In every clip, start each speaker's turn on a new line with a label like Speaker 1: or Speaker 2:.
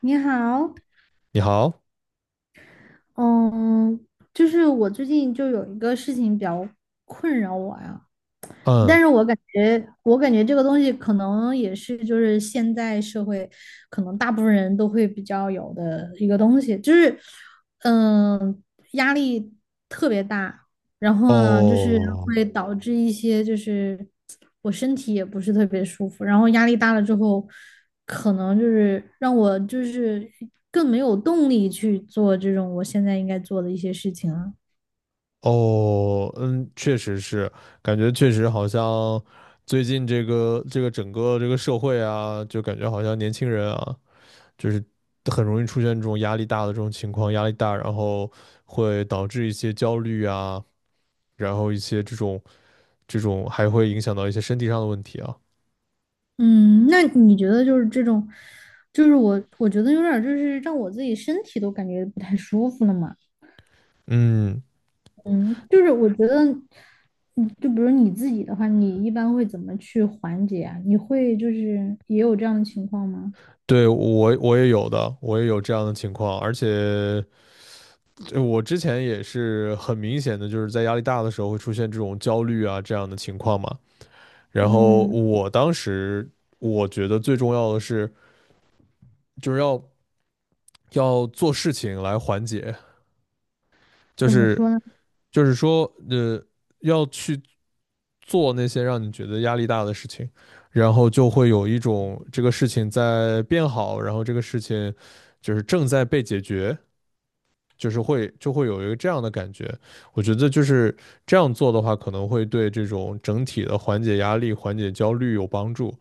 Speaker 1: 你好，
Speaker 2: 你好，
Speaker 1: 嗯，就是我最近就有一个事情比较困扰我呀，但
Speaker 2: 嗯，
Speaker 1: 是我感觉这个东西可能也是，就是现在社会可能大部分人都会比较有的一个东西，就是，嗯，压力特别大，然后呢，就是
Speaker 2: 哦，
Speaker 1: 会导致一些，就是我身体也不是特别舒服，然后压力大了之后，可能就是让我就是更没有动力去做这种我现在应该做的一些事情了。
Speaker 2: 哦，嗯，确实是，感觉确实好像最近这个整个这个社会啊，就感觉好像年轻人啊，就是很容易出现这种压力大的这种情况，压力大，然后会导致一些焦虑啊，然后一些这种还会影响到一些身体上的问题啊。
Speaker 1: 嗯，那你觉得就是这种，就是我觉得有点儿就是让我自己身体都感觉不太舒服了嘛。
Speaker 2: 嗯，
Speaker 1: 嗯，就是我觉得，就比如你自己的话，你一般会怎么去缓解啊？你会就是也有这样的情况吗？
Speaker 2: 对，我也有的，我也有这样的情况，而且。我之前也是很明显的，就是在压力大的时候会出现这种焦虑啊这样的情况嘛。然后
Speaker 1: 嗯，
Speaker 2: 我当时我觉得最重要的是，就是要做事情来缓解，就
Speaker 1: 怎么说
Speaker 2: 是
Speaker 1: 呢？
Speaker 2: 就是说，呃，要去做那些让你觉得压力大的事情，然后就会有一种这个事情在变好，然后这个事情就是正在被解决就是会就会有一个这样的感觉。我觉得就是这样做的话，可能会对这种整体的缓解压力、缓解焦虑有帮助。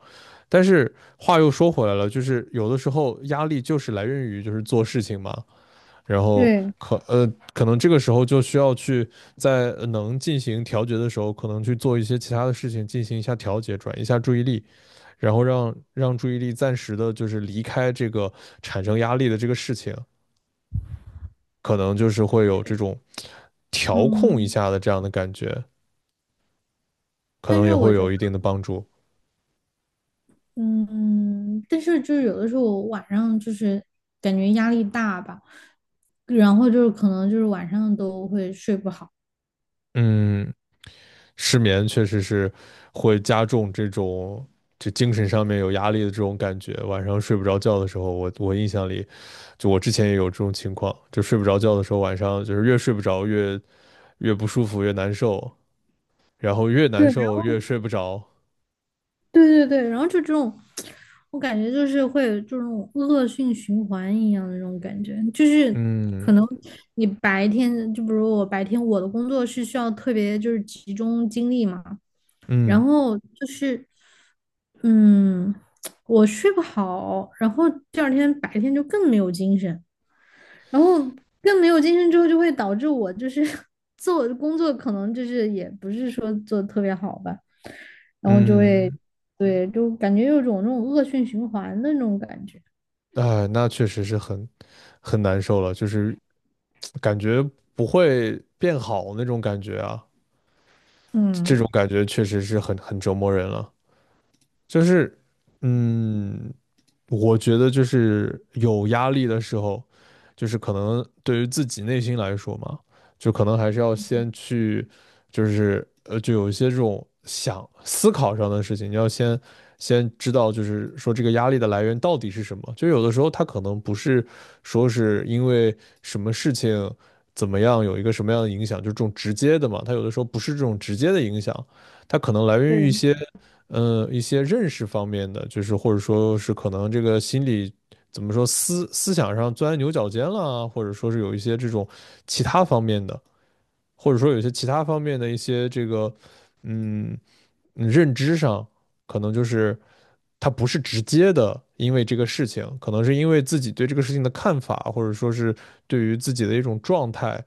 Speaker 2: 但是话又说回来了，就是有的时候压力就是来源于就是做事情嘛，然后
Speaker 1: 对，
Speaker 2: 可能这个时候就需要去在能进行调节的时候，可能去做一些其他的事情进行一下调节，转移一下注意力，然后让注意力暂时的就是离开这个产生压力的这个事情，可能就是会有这种调控一
Speaker 1: 嗯，
Speaker 2: 下的这样的感觉，可
Speaker 1: 但
Speaker 2: 能
Speaker 1: 是
Speaker 2: 也
Speaker 1: 我
Speaker 2: 会
Speaker 1: 觉得，
Speaker 2: 有一定的帮助。
Speaker 1: 嗯，但是就是有的时候我晚上就是感觉压力大吧，然后就是可能就是晚上都会睡不好。
Speaker 2: 嗯，失眠确实是会加重这种就精神上面有压力的这种感觉。晚上睡不着觉的时候，我印象里，就我之前也有这种情况，就睡不着觉的时候，晚上就是越睡不着越不舒服，越难受，然后越难
Speaker 1: 对。
Speaker 2: 受越睡不着。
Speaker 1: 对对对，然后就这种，我感觉就是会有这种恶性循环一样的那种感觉，就是
Speaker 2: 嗯
Speaker 1: 可能你白天，就比如我白天我的工作是需要特别就是集中精力嘛，然
Speaker 2: 嗯
Speaker 1: 后就是嗯，我睡不好，然后第二天白天就更没有精神。然后更没有精神之后，就会导致我就是 做工作可能就是也不是说做的特别好吧，然后就会
Speaker 2: 嗯。
Speaker 1: 对，就感觉有种那种恶性循环的那种感觉。
Speaker 2: 哎，那确实是很难受了，就是感觉不会变好那种感觉啊，这
Speaker 1: 嗯，
Speaker 2: 种感觉确实是很折磨人了。就是，嗯，我觉得就是有压力的时候，就是可能对于自己内心来说嘛，就可能还是要先去，就是就有一些这种思考上的事情，你要先知道，就是说这个压力的来源到底是什么。就有的时候它可能不是说是因为什么事情怎么样有一个什么样的影响，就这种直接的嘛，它有的时候不是这种直接的影响，它可能来源于一
Speaker 1: 对，
Speaker 2: 些。一些认识方面的，就是或者说是可能这个心理怎么说思想上钻牛角尖了啊或者说是有一些这种其他方面的，或者说有些其他方面的一些这个，嗯，认知上，可能就是他不是直接的因为这个事情，可能是因为自己对这个事情的看法，或者说是对于自己的一种状态，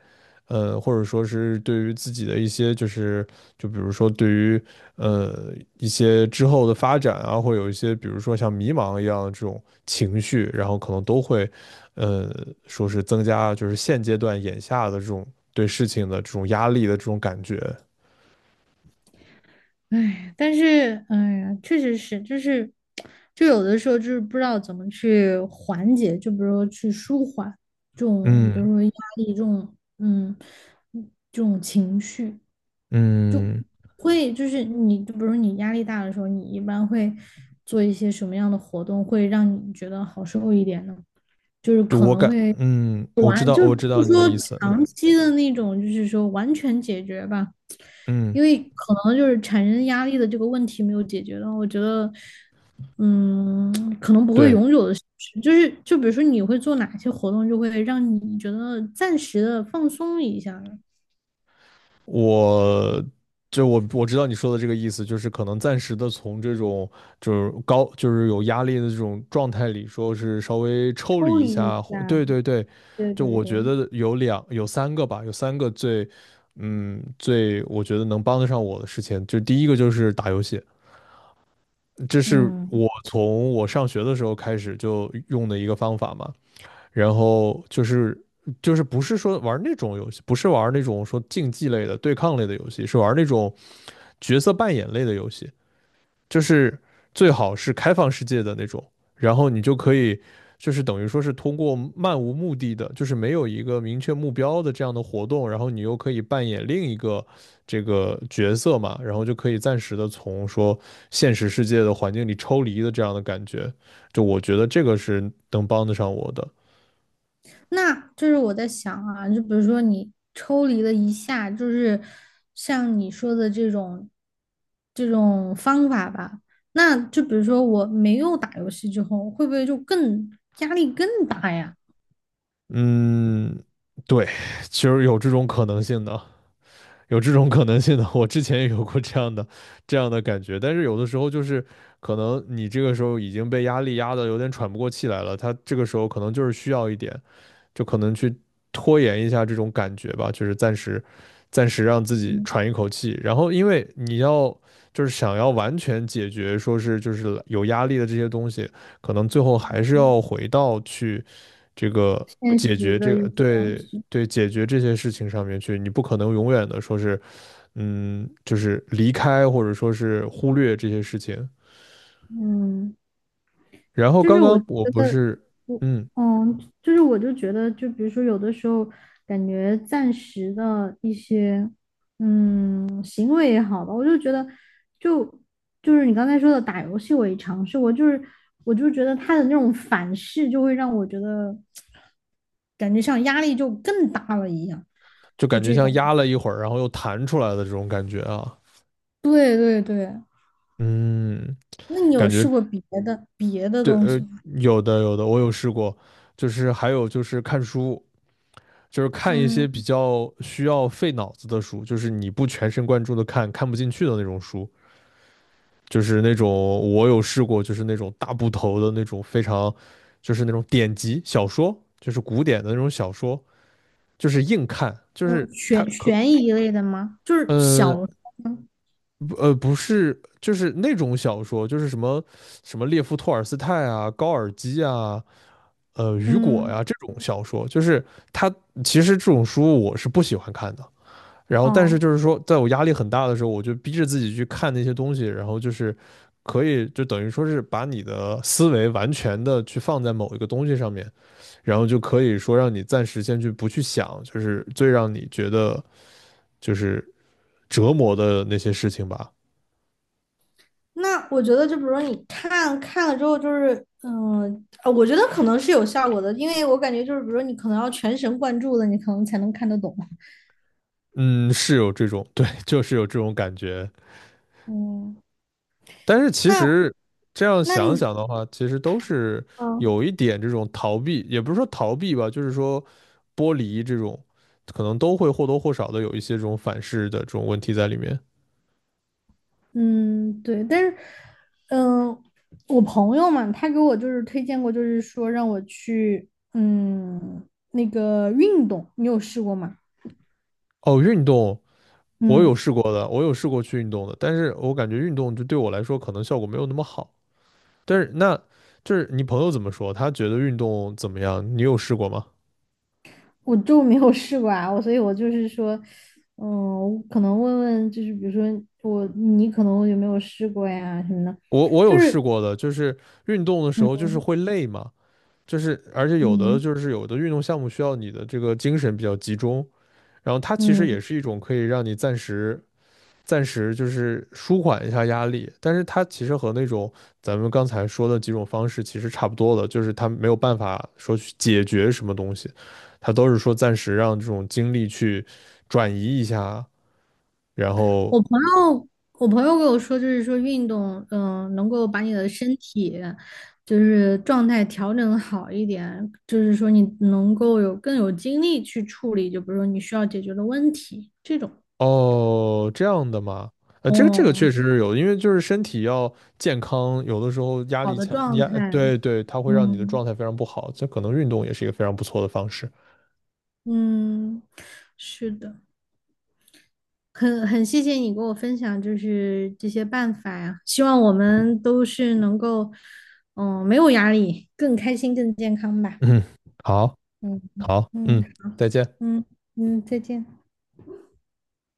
Speaker 2: 或者说是对于自己的一些就是就比如说对于呃一些之后的发展啊，会有一些比如说像迷茫一样的这种情绪，然后可能都会。呃，说是增加就是现阶段眼下的这种对事情的这种压力的这种感觉。
Speaker 1: 哎，但是哎呀，确实是，就是就有的时候就是不知道怎么去缓解，就比如说去舒缓这种，比如
Speaker 2: 嗯
Speaker 1: 说压力这种，这种情绪。
Speaker 2: 嗯，
Speaker 1: 会就是你，就比如你压力大的时候，你一般会做一些什么样的活动，会让你觉得好受一点呢？就是
Speaker 2: 就
Speaker 1: 可
Speaker 2: 我
Speaker 1: 能
Speaker 2: 感，
Speaker 1: 会
Speaker 2: 嗯，我知
Speaker 1: 完，
Speaker 2: 道
Speaker 1: 就
Speaker 2: 我知
Speaker 1: 不
Speaker 2: 道你的
Speaker 1: 说
Speaker 2: 意思。
Speaker 1: 长
Speaker 2: 嗯
Speaker 1: 期的那种，就是说完全解决吧，
Speaker 2: 嗯，
Speaker 1: 因为可能就是产生压力的这个问题没有解决到，我觉得，嗯，可能不会
Speaker 2: 对，
Speaker 1: 永久的消失。就是就比如说你会做哪些活动，就会让你觉得暂时的放松一下，
Speaker 2: 我就我我知道你说的这个意思，就是可能暂时的从这种就是高就是有压力的这种状态里，说是稍微抽
Speaker 1: 抽
Speaker 2: 离一
Speaker 1: 离一
Speaker 2: 下。
Speaker 1: 下。
Speaker 2: 对对对，
Speaker 1: 对
Speaker 2: 就
Speaker 1: 对
Speaker 2: 我
Speaker 1: 对。
Speaker 2: 觉得有三个吧，有三个最我觉得能帮得上我的事情，就第一个就是打游戏，这是
Speaker 1: 嗯，
Speaker 2: 我从我上学的时候开始就用的一个方法嘛。然后就是不是说玩那种游戏，不是玩那种说竞技类的、对抗类的游戏，是玩那种角色扮演类的游戏，就是最好是开放世界的那种，然后你就可以就是等于说是通过漫无目的的，就是没有一个明确目标的这样的活动，然后你又可以扮演另一个这个角色嘛，然后就可以暂时的从说现实世界的环境里抽离的这样的感觉，就我觉得这个是能帮得上我的。
Speaker 1: 那就是我在想啊，就比如说你抽离了一下，就是像你说的这种方法吧，那就比如说我没有打游戏之后，会不会就更压力更大呀？
Speaker 2: 嗯，对，其实有这种可能性的，有这种可能性的。我之前也有过这样的感觉，但是有的时候就是可能你这个时候已经被压力压得有点喘不过气来了，他这个时候可能就是需要一点。就可能去拖延一下这种感觉吧，就是暂时让自己
Speaker 1: 嗯，
Speaker 2: 喘一口气。然后，因为你要就是想要完全解决，说是就是有压力的这些东西，可能最后还是要回到去这个
Speaker 1: 现
Speaker 2: 解
Speaker 1: 实
Speaker 2: 决
Speaker 1: 的
Speaker 2: 这
Speaker 1: 一
Speaker 2: 个
Speaker 1: 些东
Speaker 2: 对
Speaker 1: 西，
Speaker 2: 对解决这些事情上面去。你不可能永远的说是就是离开或者说是忽略这些事情。
Speaker 1: 嗯。
Speaker 2: 然后
Speaker 1: 就是
Speaker 2: 刚
Speaker 1: 我
Speaker 2: 刚
Speaker 1: 觉
Speaker 2: 我不
Speaker 1: 得，
Speaker 2: 是
Speaker 1: 我
Speaker 2: 嗯，
Speaker 1: 就是我就觉得，就比如说有的时候感觉暂时的一些行为也好吧，我就觉得就就是你刚才说的打游戏，我也尝试过，就是我就觉得他的那种反噬就会让我觉得感觉像压力就更大了一样，
Speaker 2: 就
Speaker 1: 就
Speaker 2: 感觉
Speaker 1: 这
Speaker 2: 像
Speaker 1: 种。
Speaker 2: 压了一会儿，然后又弹出来的这种感觉啊。
Speaker 1: 对对对，
Speaker 2: 嗯，
Speaker 1: 那你有
Speaker 2: 感
Speaker 1: 试
Speaker 2: 觉
Speaker 1: 过别的
Speaker 2: 这
Speaker 1: 东
Speaker 2: 呃
Speaker 1: 西吗？
Speaker 2: 有的有的，我有试过，就是还有就是看书，就是看一些比
Speaker 1: 嗯，
Speaker 2: 较需要费脑子的书，就是你不全神贯注的看，看不进去的那种书，就是那种我有试过，就是那种大部头的那种非常，就是那种典籍小说，就是古典的那种小说，就是硬看，就
Speaker 1: 嗯，
Speaker 2: 是它
Speaker 1: 悬
Speaker 2: 可
Speaker 1: 悬疑类的吗？就是
Speaker 2: 呃
Speaker 1: 小
Speaker 2: 不呃不是，就是那种小说，就是什么什么列夫·托尔斯泰啊、高尔基啊。雨果
Speaker 1: 嗯，
Speaker 2: 呀这种小说，就是他其实这种书我是不喜欢看的。然后，但是
Speaker 1: 哦，
Speaker 2: 就是说，在我压力很大的时候，我就逼着自己去看那些东西，然后就是可以就等于说是把你的思维完全的去放在某一个东西上面，然后就可以说让你暂时先去不去想，就是最让你觉得就是折磨的那些事情吧。
Speaker 1: 那我觉得就比如说你看看了之后，就是嗯、呃我觉得可能是有效果的，因为我感觉就是比如说你可能要全神贯注的，你可能才能看得懂。
Speaker 2: 嗯，是有这种，对，就是有这种感觉。
Speaker 1: 嗯，
Speaker 2: 但是其
Speaker 1: 那
Speaker 2: 实这样
Speaker 1: 那
Speaker 2: 想
Speaker 1: 你
Speaker 2: 想的话，其实都是有
Speaker 1: 嗯
Speaker 2: 一点这种逃避，也不是说逃避吧，就是说剥离这种，可能都会或多或少的有一些这种反噬的这种问题在里面。
Speaker 1: 嗯对，但是嗯、我朋友嘛，他给我就是推荐过，就是说让我去那个运动，你有试过吗？
Speaker 2: 哦，运动我有
Speaker 1: 嗯。
Speaker 2: 试过的，我有试过去运动的，但是我感觉运动就对我来说可能效果没有那么好。但是那就是你朋友怎么说？他觉得运动怎么样？你有试过吗？
Speaker 1: 我就没有试过啊，所以我就是说，我可能问问，就是比如说你可能有没有试过呀什么的，
Speaker 2: 我
Speaker 1: 就
Speaker 2: 有试
Speaker 1: 是
Speaker 2: 过的，就是运动的时候就
Speaker 1: 嗯
Speaker 2: 是会累嘛。就是而且有的
Speaker 1: 嗯
Speaker 2: 就是有的运动项目需要你的这个精神比较集中，然后它其实
Speaker 1: 嗯，
Speaker 2: 也是一种可以让你暂时就是舒缓一下压力，但是它其实和那种咱们刚才说的几种方式其实差不多的，就是它没有办法说去解决什么东西，它都是说暂时让这种精力去转移一下，然后
Speaker 1: 我朋友我朋友跟我说，就是说运动，能够把你的身体就是状态调整好一点，就是说你能够有更有精力去处理，就比如说你需要解决的问题这种，
Speaker 2: 哦，这样的嘛，这个
Speaker 1: 哦，
Speaker 2: 确实是有的因为就是身体要健康，有的时候压
Speaker 1: 好
Speaker 2: 力
Speaker 1: 的
Speaker 2: 强，
Speaker 1: 状态，
Speaker 2: 对对，它会让你的
Speaker 1: 嗯
Speaker 2: 状态非常不好，这可能运动也是一个非常不错的方式。
Speaker 1: 嗯，是的。很谢谢你给我分享，就是这些办法呀，希望我们都是能够，没有压力，更开心、更健康吧。
Speaker 2: 嗯，好，
Speaker 1: 嗯
Speaker 2: 好，
Speaker 1: 嗯
Speaker 2: 嗯，再见。
Speaker 1: 嗯嗯，再见。